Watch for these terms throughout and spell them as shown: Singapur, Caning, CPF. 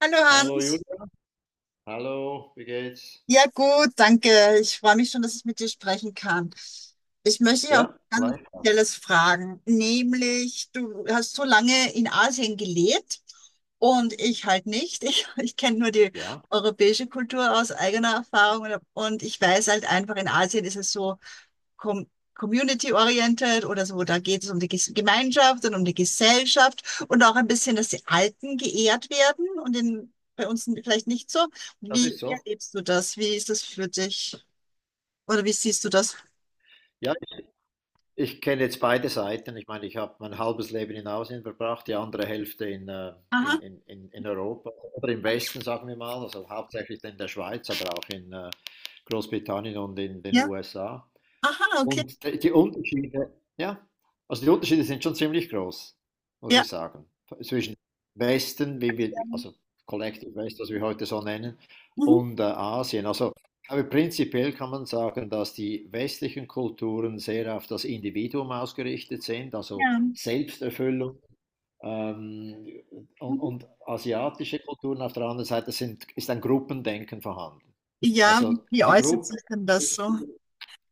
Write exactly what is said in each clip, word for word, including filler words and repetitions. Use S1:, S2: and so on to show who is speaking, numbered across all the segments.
S1: Hallo
S2: Hallo
S1: Hans.
S2: Julia, hallo, wie geht's?
S1: Ja gut, danke. Ich freue mich schon, dass ich mit dir sprechen kann. Ich möchte dich auch
S2: Ja,
S1: ganz
S2: gleich.
S1: spezielles fragen, nämlich du hast so lange in Asien gelebt und ich halt nicht. Ich, ich kenne nur die
S2: Ja,
S1: europäische Kultur aus eigener Erfahrung und, und ich weiß halt einfach, in Asien ist es so, com community-oriented oder so, da geht es um die Gemeinschaft und um die Gesellschaft und auch ein bisschen, dass die Alten geehrt werden und in, bei uns vielleicht nicht so.
S2: das
S1: Wie,
S2: ist
S1: wie
S2: so.
S1: erlebst du das? Wie ist das für dich? Oder wie siehst du das?
S2: Ja, ich, ich kenne jetzt beide Seiten. Ich meine, ich habe mein halbes Leben in Asien verbracht, die andere Hälfte in, äh, in,
S1: Aha,
S2: in, in in Europa oder im Westen, sagen wir mal. Also hauptsächlich in der Schweiz, aber auch in äh, Großbritannien und in den
S1: ja.
S2: U S A.
S1: Aha, okay.
S2: Und die die Unterschiede, ja, also die Unterschiede sind schon ziemlich groß, muss ich
S1: Ja.
S2: sagen. Zwischen Westen, wie wir,
S1: Ja.
S2: also Collective West, was wir heute so nennen,
S1: Mhm.
S2: und äh, Asien. Also, aber prinzipiell kann man sagen, dass die westlichen Kulturen sehr auf das Individuum ausgerichtet sind, also
S1: Ja.
S2: Selbsterfüllung. Ähm, und,
S1: Mhm.
S2: und asiatische Kulturen auf der anderen Seite sind, ist ein Gruppendenken vorhanden.
S1: Ja, wie,
S2: Also
S1: wie
S2: die
S1: äußert
S2: Gruppe,
S1: sich denn das so?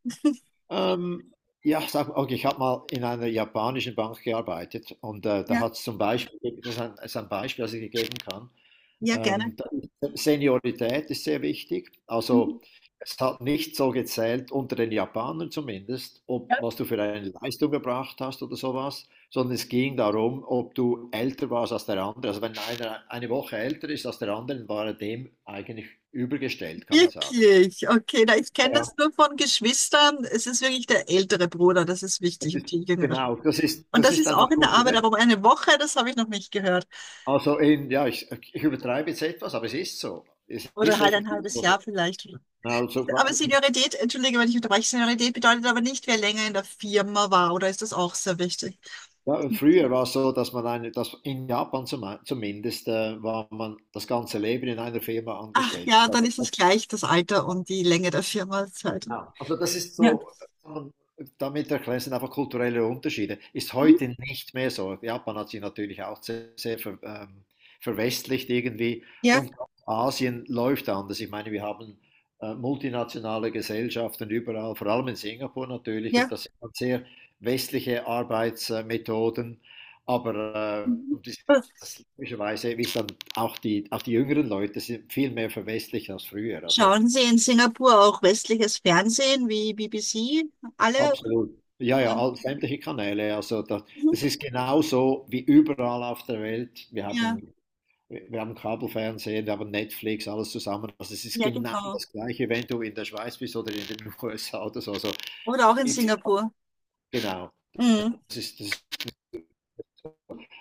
S2: ähm, ja, sag, okay, ich habe mal in einer japanischen Bank gearbeitet und äh, da
S1: Ja,
S2: hat es zum Beispiel, das ist ein, das ist ein Beispiel, das ich dir geben kann,
S1: ja, gerne.
S2: ähm, da ist- Seniorität ist sehr wichtig.
S1: Mhm.
S2: Also es hat nicht so gezählt, unter den Japanern zumindest, ob was du für eine Leistung gebracht hast oder sowas, sondern es ging darum, ob du älter warst als der andere. Also wenn einer eine Woche älter ist als der andere, dann war er dem eigentlich übergestellt, kann man sagen.
S1: Wirklich? Okay, na, ich kenne
S2: Ja,
S1: das nur von Geschwistern. Es ist wirklich der ältere Bruder, das ist
S2: das
S1: wichtig
S2: ist,
S1: und die jüngere.
S2: genau, das ist,
S1: Und
S2: das
S1: das
S2: ist
S1: ist
S2: einfach
S1: auch in der
S2: gut.
S1: Arbeit, aber um eine Woche, das habe ich noch nicht gehört.
S2: Also in, ja, ich, ich übertreibe jetzt etwas, aber es ist so. Es
S1: Oder
S2: ist
S1: halt ein
S2: effektiv
S1: halbes
S2: so.
S1: Jahr vielleicht.
S2: Also,
S1: Aber Seniorität, entschuldige, wenn ich unterbreche, Seniorität bedeutet aber nicht, wer länger in der Firma war, oder ist das auch sehr wichtig?
S2: ja, früher war es so, dass man eine, dass in Japan zum, zumindest äh, war man das ganze Leben in einer Firma
S1: Ach
S2: angestellt. Das
S1: ja, dann ist es
S2: hat.
S1: gleich das Alter und die Länge der Firmenzeit.
S2: Genau. Also das ist
S1: Ja,
S2: so, ähm, damit erklären sind einfach kulturelle Unterschiede. Ist
S1: mhm.
S2: heute nicht mehr so. Japan hat sich natürlich auch sehr, sehr ver, ähm, verwestlicht irgendwie,
S1: Ja,
S2: und Asien läuft anders. Ich meine, wir haben äh, multinationale Gesellschaften überall, vor allem in Singapur natürlich, und
S1: ja.
S2: das sind dann sehr westliche Arbeitsmethoden, aber äh,
S1: Mhm.
S2: und das, das logischerweise, wie es dann auch die, auch die jüngeren Leute sind viel mehr verwestlicht als früher. Also
S1: Schauen Sie in Singapur auch westliches Fernsehen wie B B C? Alle?
S2: absolut. Ja, ja,
S1: Ja,
S2: all, sämtliche Kanäle. Also das,
S1: mhm.
S2: das ist genauso wie überall auf der Welt. Wir
S1: Ja,
S2: haben, wir haben Kabelfernsehen, wir haben Netflix, alles zusammen. Also es ist
S1: ja,
S2: genau
S1: genau.
S2: das Gleiche, wenn du in der Schweiz bist oder in den U S A oder so. Also
S1: Oder auch in
S2: gibt's
S1: Singapur.
S2: genau.
S1: Mhm.
S2: Das ist, das,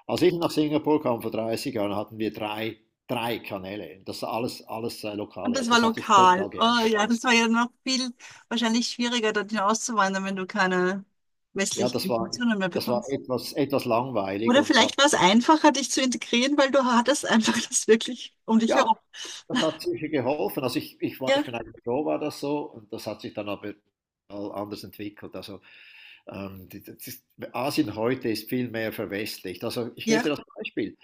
S2: als ich nach Singapur kam vor dreißig Jahren, hatten wir drei, drei Kanäle. Das war alles, alles äh,
S1: Und
S2: lokale.
S1: das war
S2: Das hat sich total
S1: lokal. Oh
S2: geändert,
S1: ja, das
S2: alles.
S1: war ja noch viel wahrscheinlich schwieriger, dorthin auszuwandern, wenn du keine
S2: Ja,
S1: westlichen
S2: das war,
S1: Informationen mehr
S2: das war
S1: bekommst.
S2: etwas, etwas langweilig
S1: Oder
S2: und da,
S1: vielleicht war es einfacher, dich zu integrieren, weil du hattest einfach das wirklich um dich
S2: ja,
S1: herum.
S2: das hat sicher geholfen. Also ich, ich war,
S1: Ja,
S2: ich bin eigentlich froh, war das so. Und das hat sich dann aber all anders entwickelt. Also ähm, die- das ist, Asien heute ist viel mehr verwestlicht. Also ich gebe dir
S1: ja,
S2: das Beispiel.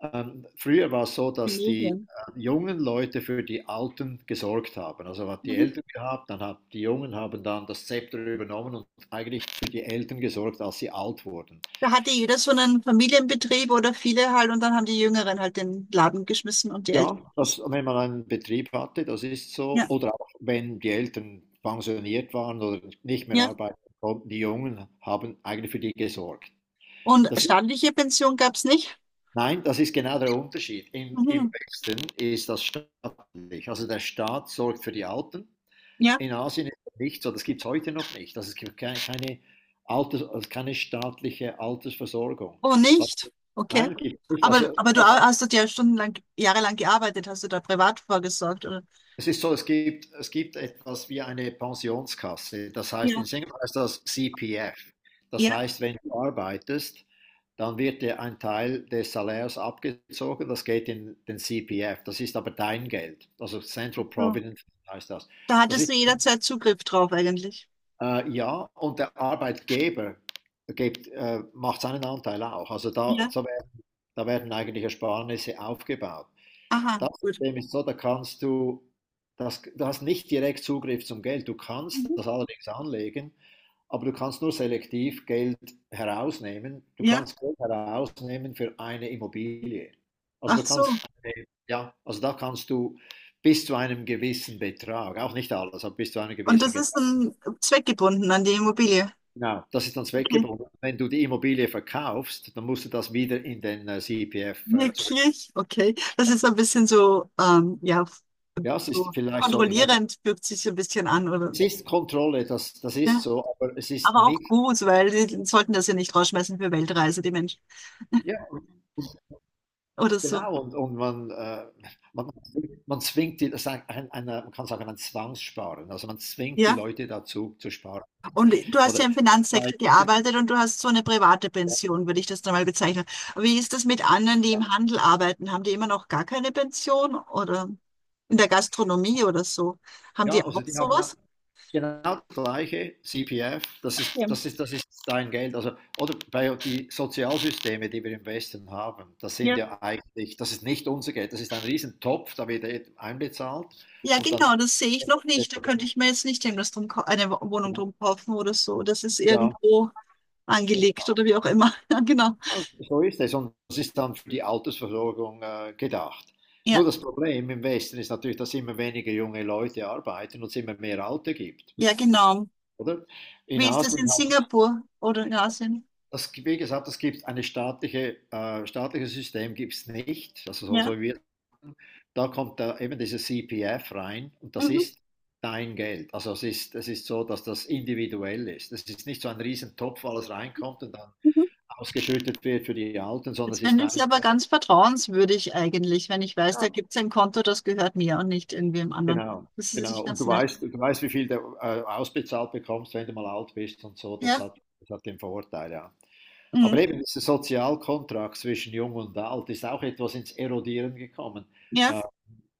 S2: Ähm, früher war es so,
S1: die
S2: dass die
S1: Medien.
S2: äh, jungen Leute für die Alten gesorgt haben. Also hat die
S1: Mhm.
S2: Eltern gehabt, dann hat die Jungen haben dann das Zepter übernommen und eigentlich für die Eltern gesorgt, als sie alt wurden.
S1: Da hatte jeder so einen Familienbetrieb oder viele halt und dann haben die Jüngeren halt den Laden geschmissen und die Älteren.
S2: Ja, das, wenn man einen Betrieb hatte, das ist so.
S1: Ja,
S2: Oder auch wenn die Eltern pensioniert waren oder nicht mehr
S1: ja.
S2: arbeiten konnten, die Jungen haben eigentlich für die gesorgt.
S1: Und
S2: Das ist,
S1: staatliche Pension gab es nicht?
S2: nein, das ist genau der Unterschied. Im, Im
S1: Mhm.
S2: Westen ist das staatlich. Also der Staat sorgt für die Alten.
S1: Ja,
S2: In Asien ist das nicht so. Das gibt es heute noch nicht. Also es gibt keine, keine Alters-, also keine staatliche Altersversorgung.
S1: oh
S2: Was,
S1: nicht. Okay.
S2: nein, gibt es nicht.
S1: Aber,
S2: Also
S1: aber du
S2: das,
S1: hast dort ja stundenlang, jahrelang gearbeitet, hast du da privat vorgesorgt, oder?
S2: es ist so, es gibt, es gibt etwas wie eine Pensionskasse. Das heißt, in
S1: Ja.
S2: Singapur heißt das C P F. Das
S1: Ja,
S2: heißt, wenn du arbeitest, dann wird dir ein Teil des Salärs abgezogen. Das geht in den C P F. Das ist aber dein Geld. Also
S1: ach
S2: Central
S1: so.
S2: Provident heißt das.
S1: Da
S2: Das
S1: hattest
S2: ist,
S1: du jederzeit Zugriff drauf eigentlich.
S2: äh, ja, und der Arbeitgeber gibt, äh, macht seinen Anteil auch. Also da,
S1: Ja.
S2: so werden, da werden eigentlich Ersparnisse aufgebaut.
S1: Aha,
S2: Das
S1: gut.
S2: System ist so, da kannst du, das, du hast nicht direkt Zugriff zum Geld. Du kannst
S1: Mhm.
S2: das allerdings anlegen, aber du kannst nur selektiv Geld herausnehmen. Du
S1: Ja,
S2: kannst Geld herausnehmen für eine Immobilie. Also
S1: ach
S2: du
S1: so.
S2: kannst, ja, also da kannst du bis zu einem gewissen Betrag, auch nicht alles, aber bis zu einem
S1: Und
S2: gewissen
S1: das ist
S2: Betrag.
S1: dann zweckgebunden an die Immobilie.
S2: Genau, das ist dann
S1: Okay.
S2: zweckgebunden. Wenn du die Immobilie verkaufst, dann musst du das wieder in den äh, C P F äh, zurück.
S1: Wirklich? Okay. Das ist so ein bisschen so, ähm, ja,
S2: Ja, es
S1: so
S2: ist vielleicht so, ich weiß.
S1: kontrollierend fühlt sich so ein bisschen an, oder?
S2: Es ist Kontrolle, das das ist
S1: Ja.
S2: so, aber es ist
S1: Aber auch
S2: nicht.
S1: gut, weil die sollten das ja nicht rausschmeißen für Weltreise, die Menschen.
S2: Ja,
S1: Oder so.
S2: genau, und und man, äh, man man zwingt die, das ist ein ein einer man kann sagen, ein Zwangssparen. Also, man zwingt die
S1: Ja.
S2: Leute dazu zu sparen.
S1: Und du hast ja
S2: Oder
S1: im
S2: bei,
S1: Finanzsektor gearbeitet und du hast so eine private Pension, würde ich das dann mal bezeichnen. Wie ist das mit anderen, die im Handel arbeiten? Haben die immer noch gar keine Pension oder in der Gastronomie oder so? Haben
S2: ja,
S1: die
S2: also,
S1: auch
S2: die haben auch
S1: sowas?
S2: genau das gleiche C P F, das
S1: Ja.
S2: ist das ist das ist dein Geld. Also oder bei die Sozialsysteme, die wir im Westen haben, das sind
S1: Ja.
S2: ja eigentlich, das ist nicht unser Geld, das ist ein Riesentopf, da wird einbezahlt
S1: Ja,
S2: und dann,
S1: genau, das sehe ich noch nicht. Da könnte ich mir jetzt nicht irgendwas drum, kau- eine Wo- Wohnung drum kaufen oder so. Das ist
S2: ja.
S1: irgendwo angelegt
S2: Genau,
S1: oder wie auch immer. Ja, genau.
S2: ah, so ist es, und es ist dann für die Altersversorgung äh, gedacht. Nur
S1: Ja,
S2: das Problem im Westen ist natürlich, dass immer weniger junge Leute arbeiten und es immer mehr Alte gibt,
S1: ja, genau.
S2: oder? In
S1: Wie ist das in
S2: Asien hat
S1: Singapur oder in Asien?
S2: das, wie gesagt, es gibt eine staatliche, äh, staatliches System gibt es nicht, also so,
S1: Ja.
S2: so wie wir sagen. Da kommt da eben dieses C P F rein und das
S1: Mhm.
S2: ist dein Geld. Also es ist, es ist so, dass das individuell ist. Es ist nicht so ein Riesentopf, wo alles reinkommt und dann
S1: Mhm.
S2: ausgeschüttet wird für die Alten, sondern
S1: Das
S2: es ist
S1: finde ich
S2: dein.
S1: aber ganz vertrauenswürdig eigentlich, wenn ich weiß,
S2: Ja.
S1: da gibt es ein Konto, das gehört mir und nicht irgendwem anderen.
S2: Genau,
S1: Das ist
S2: genau.
S1: nicht
S2: Und
S1: ganz
S2: du
S1: nett.
S2: weißt, du weißt, wie viel du äh, ausbezahlt bekommst, wenn du mal alt bist und so. Das
S1: Ja,
S2: hat, das hat den Vorteil, ja. Aber
S1: mhm.
S2: eben dieser Sozialkontrakt zwischen Jung und Alt ist auch etwas ins Erodieren gekommen.
S1: Ja.
S2: Äh,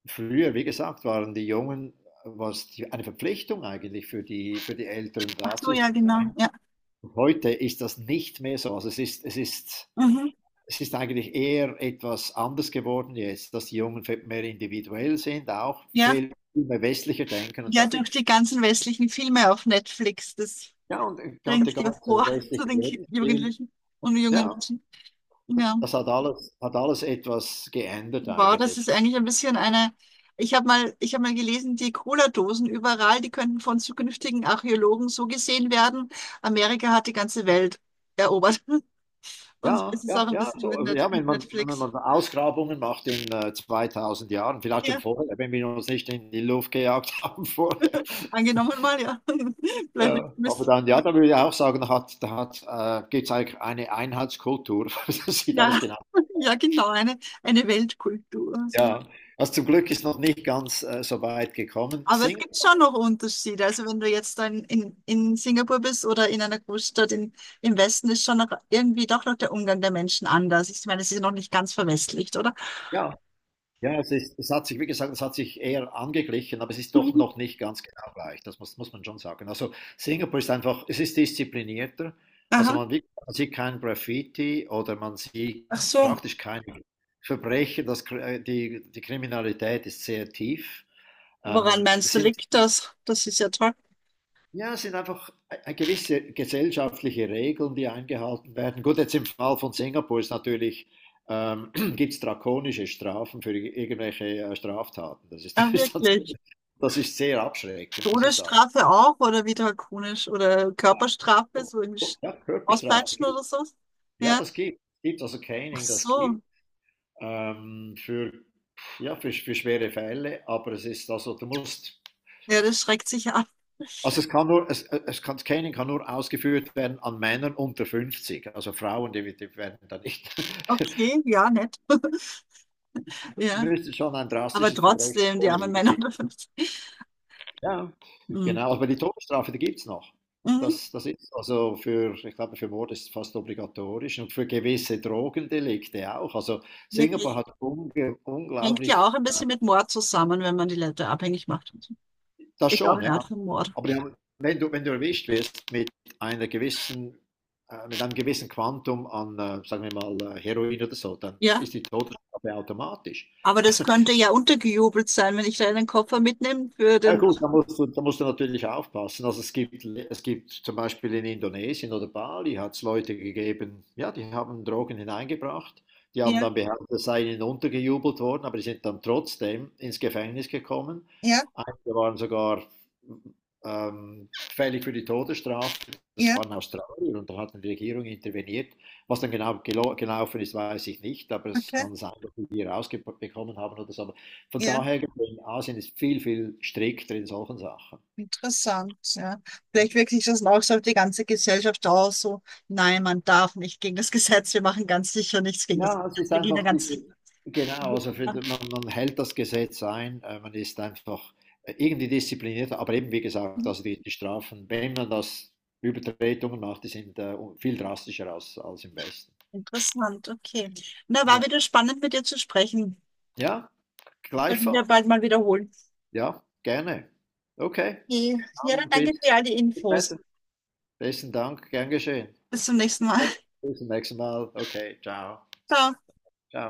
S2: früher, wie gesagt, waren die Jungen, war es die, eine Verpflichtung eigentlich für die, für die Älteren
S1: Ach
S2: da
S1: so,
S2: zu
S1: ja, genau.
S2: sein.
S1: Ja.
S2: Und heute ist das nicht mehr so. Also es ist, es ist
S1: Mhm.
S2: es ist eigentlich eher etwas anders geworden jetzt, dass die Jungen mehr individuell sind, auch
S1: Ja.
S2: viel mehr westlicher denken. Und
S1: Ja,
S2: da
S1: durch
S2: gibt es,
S1: die ganzen westlichen Filme auf Netflix, das
S2: ja, und der ganze
S1: bringt ja vor zu
S2: westliche
S1: den Ki-
S2: Lebensstil,
S1: Jugendlichen und jungen
S2: ja,
S1: Menschen. Ja.
S2: das hat alles, hat alles etwas geändert
S1: Wow, das ist
S2: eigentlich.
S1: eigentlich ein bisschen eine. Ich habe mal, ich habe mal gelesen, die Cola-Dosen überall, die könnten von zukünftigen Archäologen so gesehen werden. Amerika hat die ganze Welt erobert. Und
S2: Ja,
S1: es ist
S2: ja,
S1: auch ein
S2: ja,
S1: bisschen mit,
S2: so,
S1: Net
S2: ja wenn,
S1: mit
S2: man, wenn
S1: Netflix.
S2: man Ausgrabungen macht in äh, zweitausend Jahren, vielleicht schon
S1: Ja,
S2: vorher, wenn wir uns nicht in die Luft gejagt haben vorher.
S1: angenommen mal, ja.
S2: Äh,
S1: Bleiben
S2: aber
S1: müssen.
S2: dann, ja, da würde ich auch sagen, da hat, da hat, äh, gibt es eigentlich eine Einheitskultur. Das sieht alles
S1: Ja,
S2: genau.
S1: ja, genau, eine, eine Weltkultur. Also.
S2: Ja, was zum Glück ist noch nicht ganz äh, so weit gekommen.
S1: Aber es
S2: Singen,
S1: gibt schon noch Unterschiede. Also wenn du jetzt dann in, in Singapur bist oder in einer Großstadt in, im Westen, ist schon noch irgendwie doch noch der Umgang der Menschen anders. Ich meine, es ist ja noch nicht ganz verwestlicht, oder?
S2: ja, ja, es ist, es hat sich, wie gesagt, es hat sich eher angeglichen, aber es ist doch
S1: Mhm.
S2: noch nicht ganz genau gleich. Das muss, muss man schon sagen. Also Singapur ist einfach, es ist disziplinierter. Also
S1: Aha.
S2: man, wie- man sieht kein Graffiti oder man sieht
S1: Ach so.
S2: praktisch keine Verbrechen. Das, Kr- äh, die, die Kriminalität ist sehr tief.
S1: Woran
S2: Ähm,
S1: meinst du,
S2: sind
S1: liegt das? Das ist ja toll.
S2: Ja, es sind einfach äh, gewisse gesellschaftliche Regeln, die eingehalten werden. Gut, jetzt im Fall von Singapur ist natürlich, ähm, gibt es drakonische Strafen für irgendwelche äh, Straftaten. Das ist,
S1: Ach,
S2: das ist, dann so-
S1: wirklich.
S2: das ist sehr abschreckend, muss ich sagen.
S1: Todesstrafe auch oder wie drakonisch oder Körperstrafe, so irgendwie Sch-
S2: Ja, Körperstrafe
S1: auspeitschen oder
S2: gibt.
S1: so.
S2: Ja,
S1: Ja,
S2: das gibt. Gibt also
S1: ach
S2: Caning, das gibt.
S1: so.
S2: Ähm, für, ja, für, für schwere Fälle, aber es ist also, du musst.
S1: Ja, das schreckt sich ab.
S2: Also es kann nur, es, es kann, Caning kann nur ausgeführt werden an Männern unter fünfzig. Also Frauen, die, die werden da nicht.
S1: Okay, ja, nett. Ja,
S2: Müsste schon ein
S1: aber
S2: drastisches Verbrechen
S1: trotzdem, die armen
S2: vorliegen.
S1: Männer dürfen das.
S2: Ja,
S1: Mhm.
S2: genau. Aber die Todesstrafe, die gibt es noch.
S1: Mhm.
S2: Das, das ist also für, ich glaube, für Mord ist es fast obligatorisch und für gewisse Drogendelikte auch. Also Singapur
S1: Wirklich.
S2: hat unge-
S1: Hängt ja
S2: unglaublich,
S1: auch ein bisschen mit Mord zusammen, wenn man die Leute abhängig macht. Und so.
S2: das
S1: Ist auch
S2: schon,
S1: eine
S2: ja.
S1: Art von Mord.
S2: Aber die haben, wenn du, wenn du erwischt wirst mit einer gewissen, äh, mit einem gewissen Quantum an, äh, sagen wir mal, äh, Heroin oder so, dann
S1: Ja,
S2: ist die Todesstrafe automatisch.
S1: aber das könnte ja untergejubelt sein, wenn ich da einen Koffer mitnehme für
S2: Ja
S1: den.
S2: gut, da musst du, da musst du natürlich aufpassen. Also es gibt, es gibt zum Beispiel in Indonesien oder Bali hat es Leute gegeben, ja, die haben Drogen hineingebracht, die haben
S1: Ja,
S2: dann behauptet, es sei ihnen untergejubelt worden, aber die sind dann trotzdem ins Gefängnis gekommen.
S1: ja,
S2: Einige waren sogar ähm, fällig für die Todesstrafe. Das
S1: ja,
S2: waren Australier und da hat die Regierung interveniert. Was dann genau gelo- gelaufen ist, weiß ich nicht, aber es
S1: okay.
S2: kann sein, dass sie die rausbekommen haben oder so. Von
S1: Ja.
S2: daher gesehen, Asien ist viel, viel strikter in solchen Sachen.
S1: Interessant, ja. Vielleicht wirkt sich das dann auch so auf die ganze Gesellschaft aus, so, nein, man darf nicht gegen das Gesetz, wir machen ganz sicher nichts gegen das
S2: Ja, es
S1: Gesetz,
S2: ist
S1: wir gehen da
S2: einfach
S1: ganz
S2: diese,
S1: sicher.
S2: genau, also für, man, man hält das Gesetz ein, äh, man ist einfach äh, irgendwie disziplinierter, aber eben wie gesagt,
S1: Hm,
S2: also die, die Strafen, wenn man das Übertretungen macht, die sind äh, viel drastischer als, als im Westen.
S1: interessant, okay. Na, war
S2: Ja,
S1: wieder spannend mit dir zu sprechen.
S2: ja,
S1: Sollten wir
S2: gleichfalls.
S1: bald mal wiederholen.
S2: Ja, gerne. Okay,
S1: Okay. Ja, dann
S2: dann
S1: danke für
S2: bis
S1: all die Infos.
S2: später. Besten Dank, gern geschehen.
S1: Bis zum nächsten Mal.
S2: Okay. Bis zum nächsten Mal. Okay, ciao.
S1: Ciao.
S2: Ciao.